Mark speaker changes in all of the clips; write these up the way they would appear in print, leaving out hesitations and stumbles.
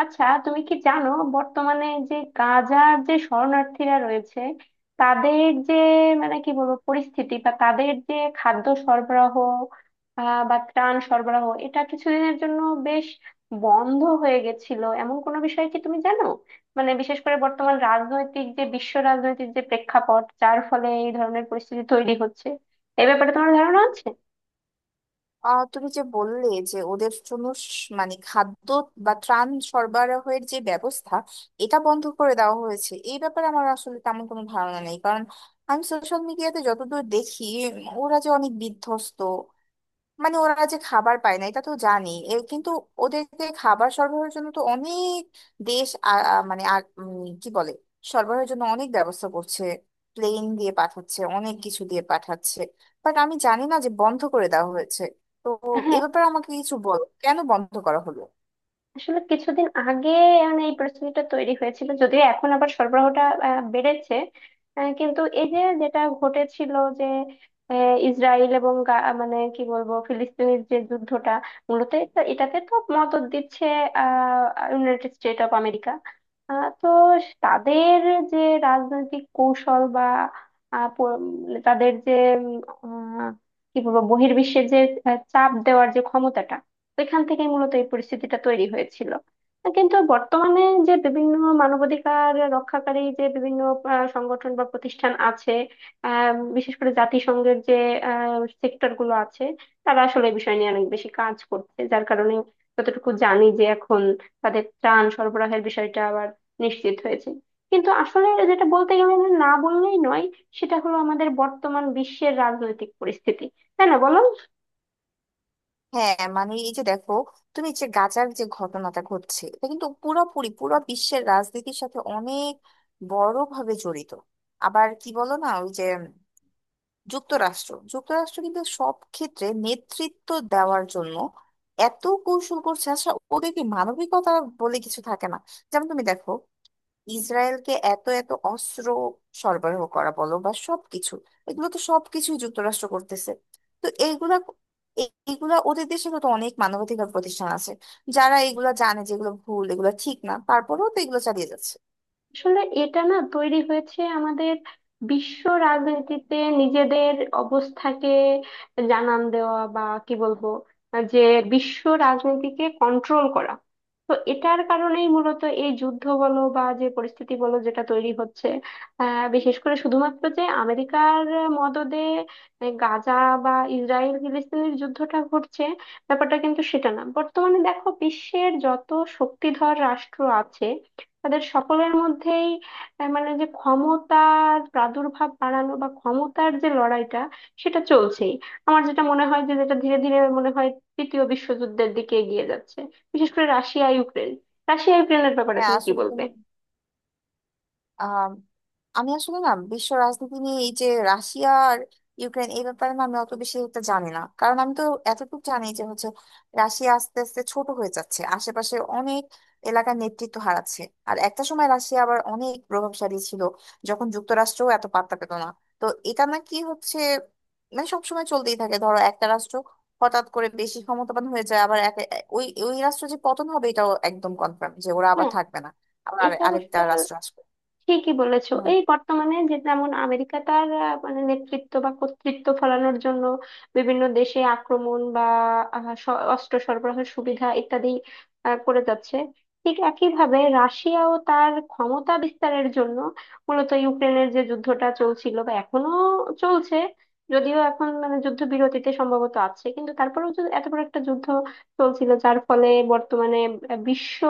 Speaker 1: আচ্ছা তুমি কি জানো, বর্তমানে যে গাজার যে শরণার্থীরা রয়েছে তাদের যে মানে কি বলবো পরিস্থিতি বা তাদের যে খাদ্য সরবরাহ বা ত্রাণ সরবরাহ, এটা কিছুদিনের জন্য বেশ বন্ধ হয়ে গেছিল, এমন কোনো বিষয় কি তুমি জানো? মানে বিশেষ করে বর্তমান রাজনৈতিক যে বিশ্ব রাজনৈতিক যে প্রেক্ষাপট, যার ফলে এই ধরনের পরিস্থিতি তৈরি হচ্ছে, এ ব্যাপারে তোমার ধারণা আছে?
Speaker 2: তুমি যে বললে যে ওদের জন্য মানে খাদ্য বা ত্রাণ সরবরাহের যে ব্যবস্থা, এটা বন্ধ করে দেওয়া হয়েছে এই ব্যাপারে আমার আসলে তেমন কোনো ধারণা নেই, কারণ আমি সোশ্যাল মিডিয়াতে যতদূর দেখি, ওরা যে অনেক বিধ্বস্ত, মানে ওরা যে খাবার পায় না এটা তো জানি। এ কিন্তু ওদেরকে খাবার সরবরাহের জন্য তো অনেক দেশ মানে কি বলে, সরবরাহের জন্য অনেক ব্যবস্থা করছে, প্লেন দিয়ে পাঠাচ্ছে, অনেক কিছু দিয়ে পাঠাচ্ছে। বাট আমি জানি না যে বন্ধ করে দেওয়া হয়েছে। তো এ
Speaker 1: হ্যাঁ,
Speaker 2: ব্যাপারে আমাকে কিছু বল, কেন বন্ধ করা হলো।
Speaker 1: আসলে কিছুদিন আগে মানে এই পরিস্থিতিটা তৈরি হয়েছিল, যদিও এখন আবার সরবরাহটা বেড়েছে। কিন্তু এই যে যেটা ঘটেছিল যে ইসরায়েল এবং মানে কি বলবো ফিলিস্তিনের যে যুদ্ধটা, মূলত এটাতে তো মদদ দিচ্ছে আহ ইউনাইটেড স্টেট অফ আমেরিকা। তো তাদের যে রাজনৈতিক কৌশল বা আহ, প- তাদের যে উম, আহ, কি বলবো বহির্বিশ্বে যে চাপ দেওয়ার যে ক্ষমতাটা, তো এখান থেকেই মূলত এই পরিস্থিতিটা তৈরি হয়েছিল। কিন্তু বর্তমানে যে বিভিন্ন মানবাধিকার রক্ষাকারী যে বিভিন্ন সংগঠন বা প্রতিষ্ঠান আছে, বিশেষ করে জাতিসংঘের যে সেক্টর গুলো আছে, তারা আসলে এই বিষয় নিয়ে অনেক বেশি কাজ করছে, যার কারণে যতটুকু জানি যে এখন তাদের ত্রাণ সরবরাহের বিষয়টা আবার নিশ্চিত হয়েছে। কিন্তু আসলে যেটা বলতে গেলে না বললেই নয়, সেটা হলো আমাদের বর্তমান বিশ্বের রাজনৈতিক পরিস্থিতি, তাই না বলো?
Speaker 2: হ্যাঁ মানে এই যে দেখো, তুমি যে গাজার যে ঘটনাটা ঘটছে এটা কিন্তু পুরোপুরি পুরো বিশ্বের রাজনীতির সাথে অনেক বড় ভাবে জড়িত। আবার কি বলো না, ওই যে যুক্তরাষ্ট্র যুক্তরাষ্ট্র কিন্তু সব ক্ষেত্রে নেতৃত্ব দেওয়ার জন্য এত কৌশল করছে। আচ্ছা, ওদের কি মানবিকতা বলে কিছু থাকে না? যেমন তুমি দেখো, ইসরায়েলকে এত এত অস্ত্র সরবরাহ করা বলো বা সবকিছু, এগুলো তো সবকিছুই যুক্তরাষ্ট্র করতেছে। তো এইগুলা, ওদের দেশে তো অনেক মানবাধিকার প্রতিষ্ঠান আছে যারা এগুলা জানে, যেগুলো ভুল এগুলো ঠিক না, তারপরেও তো এগুলো চালিয়ে যাচ্ছে।
Speaker 1: আসলে এটা না তৈরি হয়েছে আমাদের বিশ্ব রাজনীতিতে নিজেদের অবস্থাকে জানান দেওয়া বা কি বলবো যে বিশ্ব রাজনীতিকে কন্ট্রোল করা, তো এটার কারণেই মূলত এই যুদ্ধ বলো বা যে পরিস্থিতি বলো যেটা তৈরি হচ্ছে। বিশেষ করে শুধুমাত্র যে আমেরিকার মদদে গাজা বা ইসরায়েল ফিলিস্তিনের যুদ্ধটা ঘটছে ব্যাপারটা কিন্তু সেটা না। বর্তমানে দেখো বিশ্বের যত শক্তিধর রাষ্ট্র আছে তাদের সকলের মধ্যেই মানে যে ক্ষমতার প্রাদুর্ভাব বাড়ানো বা ক্ষমতার যে লড়াইটা সেটা চলছেই। আমার যেটা মনে হয় যে যেটা ধীরে ধীরে মনে হয় তৃতীয় বিশ্বযুদ্ধের দিকে এগিয়ে যাচ্ছে। বিশেষ করে রাশিয়া ইউক্রেন, রাশিয়া ইউক্রেনের ব্যাপারে
Speaker 2: হ্যাঁ
Speaker 1: তুমি কি
Speaker 2: আসলে,
Speaker 1: বলবে?
Speaker 2: আম, আমি আসলে না বিশ্ব রাজনীতি নিয়ে এই যে রাশিয়া আর ইউক্রেন এই ব্যাপারে না আমি অত বেশি একটা জানি না, কারণ আমি তো এতটুকু জানি যে হচ্ছে রাশিয়া আস্তে আস্তে ছোট হয়ে যাচ্ছে, আশেপাশে অনেক এলাকার নেতৃত্ব হারাচ্ছে। আর একটা সময় রাশিয়া আবার অনেক প্রভাবশালী ছিল, যখন যুক্তরাষ্ট্রও এত পাত্তা পেত না। তো এটা নাকি হচ্ছে, মানে সবসময় চলতেই থাকে। ধরো একটা রাষ্ট্র হঠাৎ করে বেশি ক্ষমতাবান হয়ে যায়, আবার এক- ওই ওই রাষ্ট্র যে পতন হবে এটাও একদম কনফার্ম, যে ওরা আবার
Speaker 1: হ্যাঁ
Speaker 2: থাকবে না, আবার
Speaker 1: এটা অবশ্য
Speaker 2: আরেকটা রাষ্ট্র আসবে।
Speaker 1: ঠিকই বলেছো। এই বর্তমানে যে যেমন আমেরিকা তার মানে নেতৃত্ব বা কর্তৃত্ব ফলানোর জন্য বিভিন্ন দেশে আক্রমণ বা অস্ত্র সরবরাহের সুবিধা ইত্যাদি করে যাচ্ছে। ঠিক একইভাবে রাশিয়াও তার ক্ষমতা বিস্তারের জন্য মূলত ইউক্রেনের যে যুদ্ধটা চলছিল বা এখনো চলছে, যদিও এখন মানে যুদ্ধ বিরতিতে সম্ভবত আছে, কিন্তু তারপরেও যে এত বড় একটা যুদ্ধ চলছিল যার ফলে বর্তমানে বিশ্ব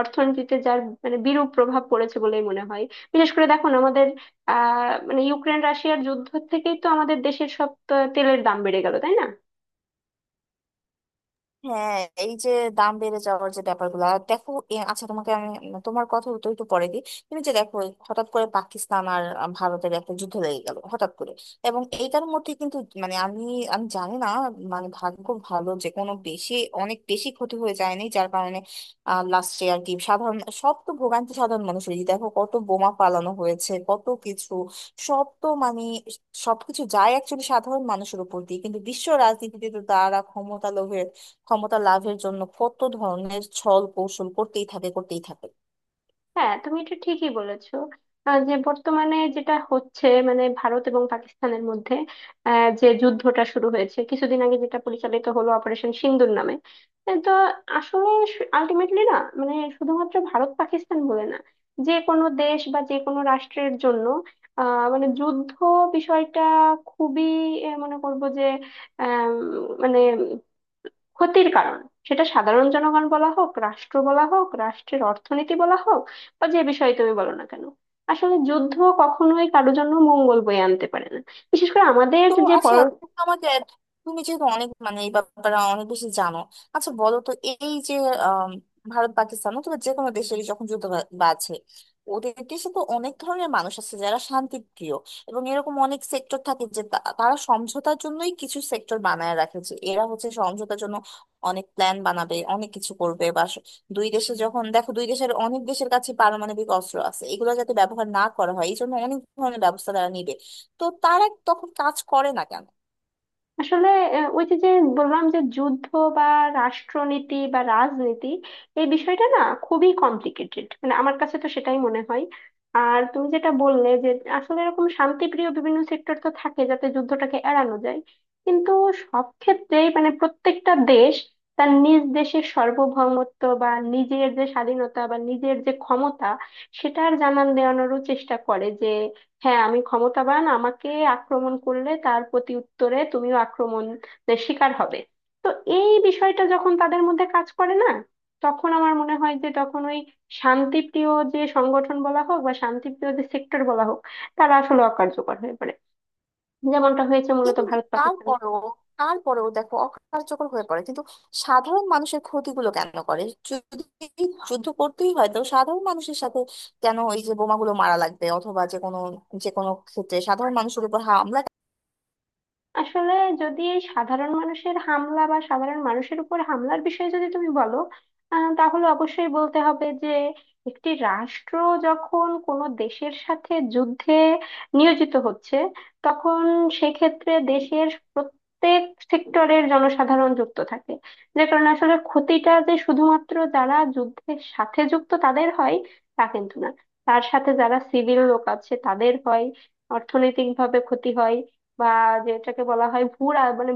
Speaker 1: অর্থনীতিতে যার মানে বিরূপ প্রভাব পড়েছে বলেই মনে হয়। বিশেষ করে দেখুন আমাদের মানে ইউক্রেন রাশিয়ার যুদ্ধ থেকেই তো আমাদের দেশের সব তেলের দাম বেড়ে গেল, তাই না?
Speaker 2: হ্যাঁ এই যে দাম বেড়ে যাওয়ার যে ব্যাপারগুলো, আর দেখো আচ্ছা তোমাকে আমি, তোমার কথা তো একটু পরে দিই। তুমি যে দেখো এই হঠাৎ করে পাকিস্তান আর ভারতের একটা যুদ্ধ লেগে গেল হঠাৎ করে, এবং এইটার মধ্যে কিন্তু, মানে আমি আমি জানি না। মানে ভাগ্য ভালো যে কোনো বেশি, অনেক বেশি ক্ষতি হয়ে যায়নি, যার কারণে লাস্টে আর কি, সাধারণ সব তো ভোগান্তি সাধারণ মানুষেরই। দেখো কত বোমা পালানো হয়েছে কত কিছু, সব তো মানে সবকিছু যায় একচুয়ালি সাধারণ মানুষের উপর দিয়ে। কিন্তু বিশ্ব রাজনীতিতে তো তারা ক্ষমতা লোভে, ক্ষমতা লাভের জন্য কত ধরনের ছল কৌশল করতেই থাকে, করতেই থাকে।
Speaker 1: হ্যাঁ তুমি এটা ঠিকই বলেছো। যে বর্তমানে যেটা হচ্ছে মানে ভারত এবং পাকিস্তানের মধ্যে যে যুদ্ধটা শুরু হয়েছে কিছুদিন আগে, যেটা পরিচালিত হলো অপারেশন সিন্দুর নামে, এ তো আসলে আলটিমেটলি না মানে শুধুমাত্র ভারত পাকিস্তান বলে না, যে কোনো দেশ বা যে কোনো রাষ্ট্রের জন্য মানে যুদ্ধ বিষয়টা খুবই, মনে করবো যে আহ মানে ক্ষতির কারণ, সেটা সাধারণ জনগণ বলা হোক, রাষ্ট্র বলা হোক, রাষ্ট্রের অর্থনীতি বলা হোক, বা যে বিষয়ে তুমি বলো না কেন, আসলে যুদ্ধ কখনোই কারোর জন্য মঙ্গল বয়ে আনতে পারে না। বিশেষ করে আমাদের
Speaker 2: তো
Speaker 1: যে
Speaker 2: আচ্ছা,
Speaker 1: পর,
Speaker 2: তুমি তো আমাদের, তুমি যেহেতু অনেক মানে এই ব্যাপারে অনেক বেশি জানো, আচ্ছা বলো তো এই যে আম, ভারত পাকিস্তান অথবা যে কোনো দেশের যখন যুদ্ধ বাজে, ওদের দেশে তো অনেক ধরনের মানুষ আছে যারা শান্তিপ্রিয়। এবং এরকম অনেক সেক্টর থাকে যে তারা সমঝোতার জন্যই কিছু সেক্টর বানায় রাখে, যে এরা হচ্ছে সমঝোতার জন্য অনেক প্ল্যান বানাবে অনেক কিছু করবে বা দুই দেশে যখন দেখো, দুই দেশের, অনেক দেশের কাছে পারমাণবিক অস্ত্র আছে, এগুলো যাতে ব্যবহার না করা হয় এই জন্য অনেক ধরনের ব্যবস্থা তারা নিবে। তো তারা তখন কাজ করে না কেন?
Speaker 1: আসলে ওই যে যে বললাম যে যুদ্ধ বা রাষ্ট্রনীতি বা রাজনীতি এই বিষয়টা না খুবই কমপ্লিকেটেড, মানে আমার কাছে তো সেটাই মনে হয়। আর তুমি যেটা বললে যে আসলে এরকম শান্তিপ্রিয় বিভিন্ন সেক্টর তো থাকে যাতে যুদ্ধটাকে এড়ানো যায়, কিন্তু সব ক্ষেত্রেই মানে প্রত্যেকটা দেশ তার নিজ দেশের সার্বভৌমত্ব বা নিজের যে স্বাধীনতা বা নিজের যে ক্ষমতা সেটার জানান দেওয়ানোরও চেষ্টা করে যে হ্যাঁ আমি ক্ষমতাবান, আমাকে আক্রমণ করলে তার প্রতি উত্তরে তুমিও আক্রমণের শিকার হবে। তো এই বিষয়টা যখন তাদের মধ্যে কাজ করে না, তখন আমার মনে হয় যে তখন ওই শান্তিপ্রিয় যে সংগঠন বলা হোক বা শান্তিপ্রিয় যে সেক্টর বলা হোক, তারা আসলে অকার্যকর হয়ে পড়ে, যেমনটা হয়েছে মূলত
Speaker 2: কিন্তু
Speaker 1: ভারত পাকিস্তানের।
Speaker 2: তারপরেও তারপরেও দেখো অকার্যকর হয়ে পড়ে, কিন্তু সাধারণ মানুষের ক্ষতিগুলো কেন করে? যদি যুদ্ধ করতেই হয় তো সাধারণ মানুষের সাথে কেন এই যে বোমাগুলো মারা লাগবে, অথবা যে কোনো, যে কোনো ক্ষেত্রে সাধারণ মানুষের উপর হামলা?
Speaker 1: আসলে যদি এই সাধারণ মানুষের হামলা বা সাধারণ মানুষের উপর হামলার বিষয়ে যদি তুমি বলো, তাহলে অবশ্যই বলতে হবে যে একটি রাষ্ট্র যখন কোনো দেশের সাথে যুদ্ধে নিয়োজিত হচ্ছে, তখন সেক্ষেত্রে দেশের প্রত্যেক সেক্টরের জনসাধারণ যুক্ত থাকে। যে কারণে আসলে ক্ষতিটা যে শুধুমাত্র যারা যুদ্ধের সাথে যুক্ত তাদের হয় তা কিন্তু না, তার সাথে যারা সিভিল লোক আছে তাদের হয়, অর্থনৈতিকভাবে ক্ষতি হয়, বা যেটাকে বলা হয় ভূরা মানে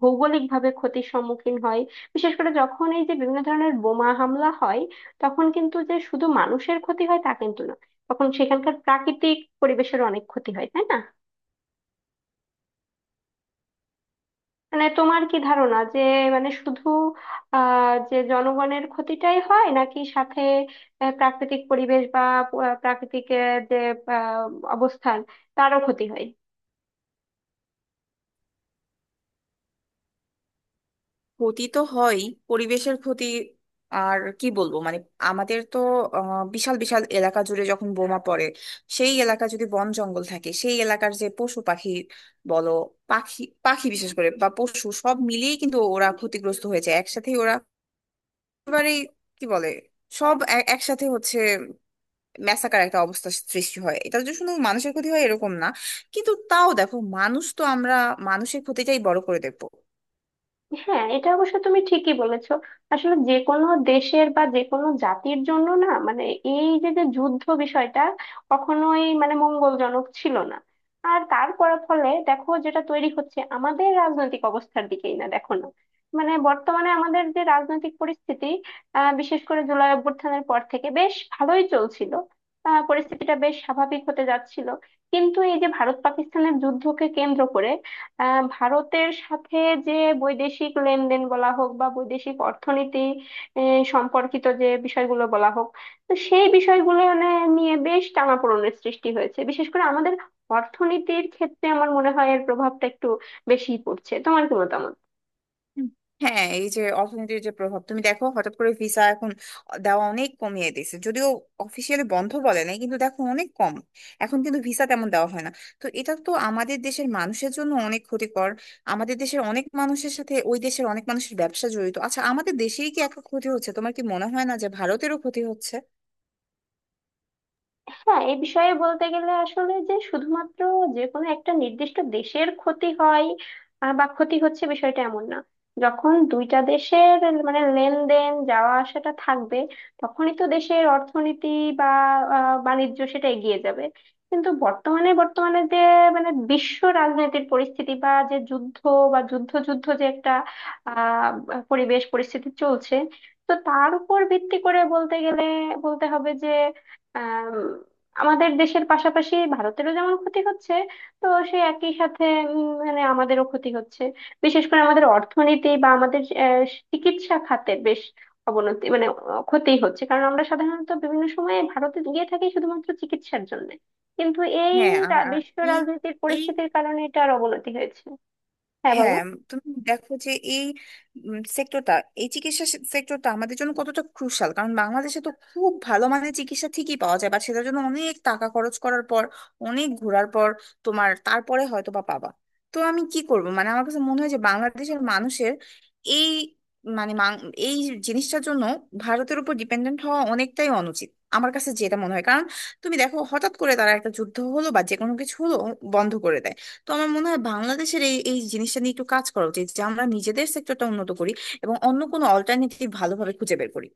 Speaker 1: ভৌগোলিক ভাবে ক্ষতির সম্মুখীন হয়। বিশেষ করে যখন এই যে বিভিন্ন ধরনের বোমা হামলা হয় তখন কিন্তু যে শুধু মানুষের ক্ষতি হয় তা কিন্তু না, তখন সেখানকার প্রাকৃতিক পরিবেশের অনেক ক্ষতি হয়, তাই না? মানে তোমার কি ধারণা যে মানে শুধু যে জনগণের ক্ষতিটাই হয় নাকি সাথে প্রাকৃতিক পরিবেশ বা প্রাকৃতিক যে আহ, অবস্থান তারও ক্ষতি হয়?
Speaker 2: ক্ষতি তো হয়, পরিবেশের ক্ষতি। আর কি বলবো মানে আমাদের তো বিশাল বিশাল এলাকা জুড়ে যখন বোমা পড়ে, সেই এলাকা যদি বন জঙ্গল থাকে সেই এলাকার যে পশু পাখি বলো, পাখি পাখি বিশেষ করে বা পশু, সব মিলিয়ে কিন্তু ওরা ক্ষতিগ্রস্ত হয়েছে একসাথে। ওরা একেবারেই কি বলে, সব একসাথে হচ্ছে, ম্যাসাকার একটা অবস্থা সৃষ্টি হয়। এটা যে শুধু মানুষের ক্ষতি হয় এরকম না, কিন্তু তাও দেখো, মানুষ তো আমরা মানুষের ক্ষতিটাই বড় করে দেবো।
Speaker 1: হ্যাঁ এটা অবশ্য তুমি ঠিকই বলেছো। আসলে যে কোনো দেশের বা যে কোনো জাতির জন্য না মানে এই যে যে যুদ্ধ বিষয়টা কখনোই মানে মঙ্গলজনক ছিল না। আর তার ফলাফলে দেখো যেটা তৈরি হচ্ছে আমাদের রাজনৈতিক অবস্থার দিকেই না দেখো না, মানে বর্তমানে আমাদের যে রাজনৈতিক পরিস্থিতি, বিশেষ করে জুলাই অভ্যুত্থানের পর থেকে বেশ ভালোই চলছিল, পরিস্থিতিটা বেশ স্বাভাবিক হতে যাচ্ছিল, কিন্তু এই যে ভারত পাকিস্তানের যুদ্ধকে কেন্দ্র করে ভারতের সাথে যে বৈদেশিক লেনদেন বলা হোক বা বৈদেশিক অর্থনীতি সম্পর্কিত যে বিষয়গুলো বলা হোক, তো সেই বিষয়গুলো মানে নিয়ে বেশ টানাপোড়েনের সৃষ্টি হয়েছে। বিশেষ করে আমাদের অর্থনীতির ক্ষেত্রে আমার মনে হয় এর প্রভাবটা একটু বেশিই পড়ছে, তোমার কি মতামত?
Speaker 2: হুম। হ্যাঁ, এই যে অর্থনীতির যে প্রভাব, তুমি দেখো হঠাৎ করে ভিসা এখন দেওয়া অনেক কমিয়ে দিয়েছে, যদিও অফিসিয়ালি বন্ধ বলে নাই কিন্তু দেখো অনেক কম, এখন কিন্তু ভিসা তেমন দেওয়া হয় না। তো এটা তো আমাদের দেশের মানুষের জন্য অনেক ক্ষতিকর, আমাদের দেশের অনেক মানুষের সাথে ওই দেশের অনেক মানুষের ব্যবসা জড়িত। আচ্ছা, আমাদের দেশেই কি এত ক্ষতি হচ্ছে? তোমার কি মনে হয় না যে ভারতেরও ক্ষতি হচ্ছে?
Speaker 1: হ্যাঁ এই বিষয়ে বলতে গেলে আসলে যে শুধুমাত্র যে কোনো একটা নির্দিষ্ট দেশের ক্ষতি হয় বা ক্ষতি হচ্ছে বিষয়টা এমন না। যখন দুইটা দেশের মানে লেনদেন যাওয়া আসাটা থাকবে তখনই তো দেশের অর্থনীতি বা বাণিজ্য সেটা এগিয়ে যাবে। কিন্তু বর্তমানে বর্তমানে যে মানে বিশ্ব রাজনীতির পরিস্থিতি বা যে যুদ্ধ বা যুদ্ধ যুদ্ধ যে একটা আহ পরিবেশ পরিস্থিতি চলছে, তো তার উপর ভিত্তি করে বলতে গেলে বলতে হবে যে আমাদের দেশের পাশাপাশি ভারতেরও যেমন ক্ষতি হচ্ছে, তো সেই একই সাথে মানে আমাদেরও ক্ষতি হচ্ছে। বিশেষ করে আমাদের অর্থনীতি বা আমাদের চিকিৎসা খাতের বেশ অবনতি মানে ক্ষতি হচ্ছে, কারণ আমরা সাধারণত বিভিন্ন সময়ে ভারতে গিয়ে থাকি শুধুমাত্র চিকিৎসার জন্য, কিন্তু এই
Speaker 2: হ্যাঁ, আর আর
Speaker 1: বিশ্ব
Speaker 2: এই
Speaker 1: রাজনীতির
Speaker 2: এই
Speaker 1: পরিস্থিতির কারণে এটার অবনতি হয়েছে। হ্যাঁ বলো।
Speaker 2: হ্যাঁ, তুমি দেখো যে এই সেক্টরটা, এই চিকিৎসা সেক্টরটা আমাদের জন্য কতটা ক্রুশাল, কারণ বাংলাদেশে তো খুব ভালো মানের চিকিৎসা ঠিকই পাওয়া যায় বাট সেটার জন্য অনেক টাকা খরচ করার পর, অনেক ঘোরার পর, তোমার তারপরে হয়তো বা পাবা। তো আমি কি করব, মানে আমার কাছে মনে হয় যে বাংলাদেশের মানুষের এই, মানে এই জিনিসটার জন্য ভারতের উপর ডিপেন্ডেন্ট হওয়া অনেকটাই অনুচিত আমার কাছে, যেটা মনে হয়, কারণ তুমি দেখো হঠাৎ করে তারা একটা যুদ্ধ হলো বা যে কোনো কিছু হলো, বন্ধ করে দেয়। তো আমার মনে হয় বাংলাদেশের এই এই জিনিসটা নিয়ে একটু কাজ করা উচিত, যে আমরা নিজেদের সেক্টরটা উন্নত করি এবং অন্য কোনো অল্টারনেটিভ ভালোভাবে খুঁজে বের করি।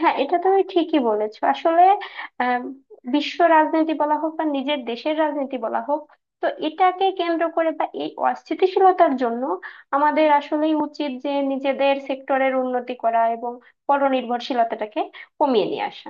Speaker 1: হ্যাঁ এটা তুমি ঠিকই বলেছো। আসলে আম, বিশ্ব রাজনীতি বলা হোক বা নিজের দেশের রাজনীতি বলা হোক, তো এটাকে কেন্দ্র করে বা এই অস্থিতিশীলতার জন্য আমাদের আসলেই উচিত যে নিজেদের সেক্টরের উন্নতি করা এবং পরনির্ভরশীলতাটাকে কমিয়ে নিয়ে আসা।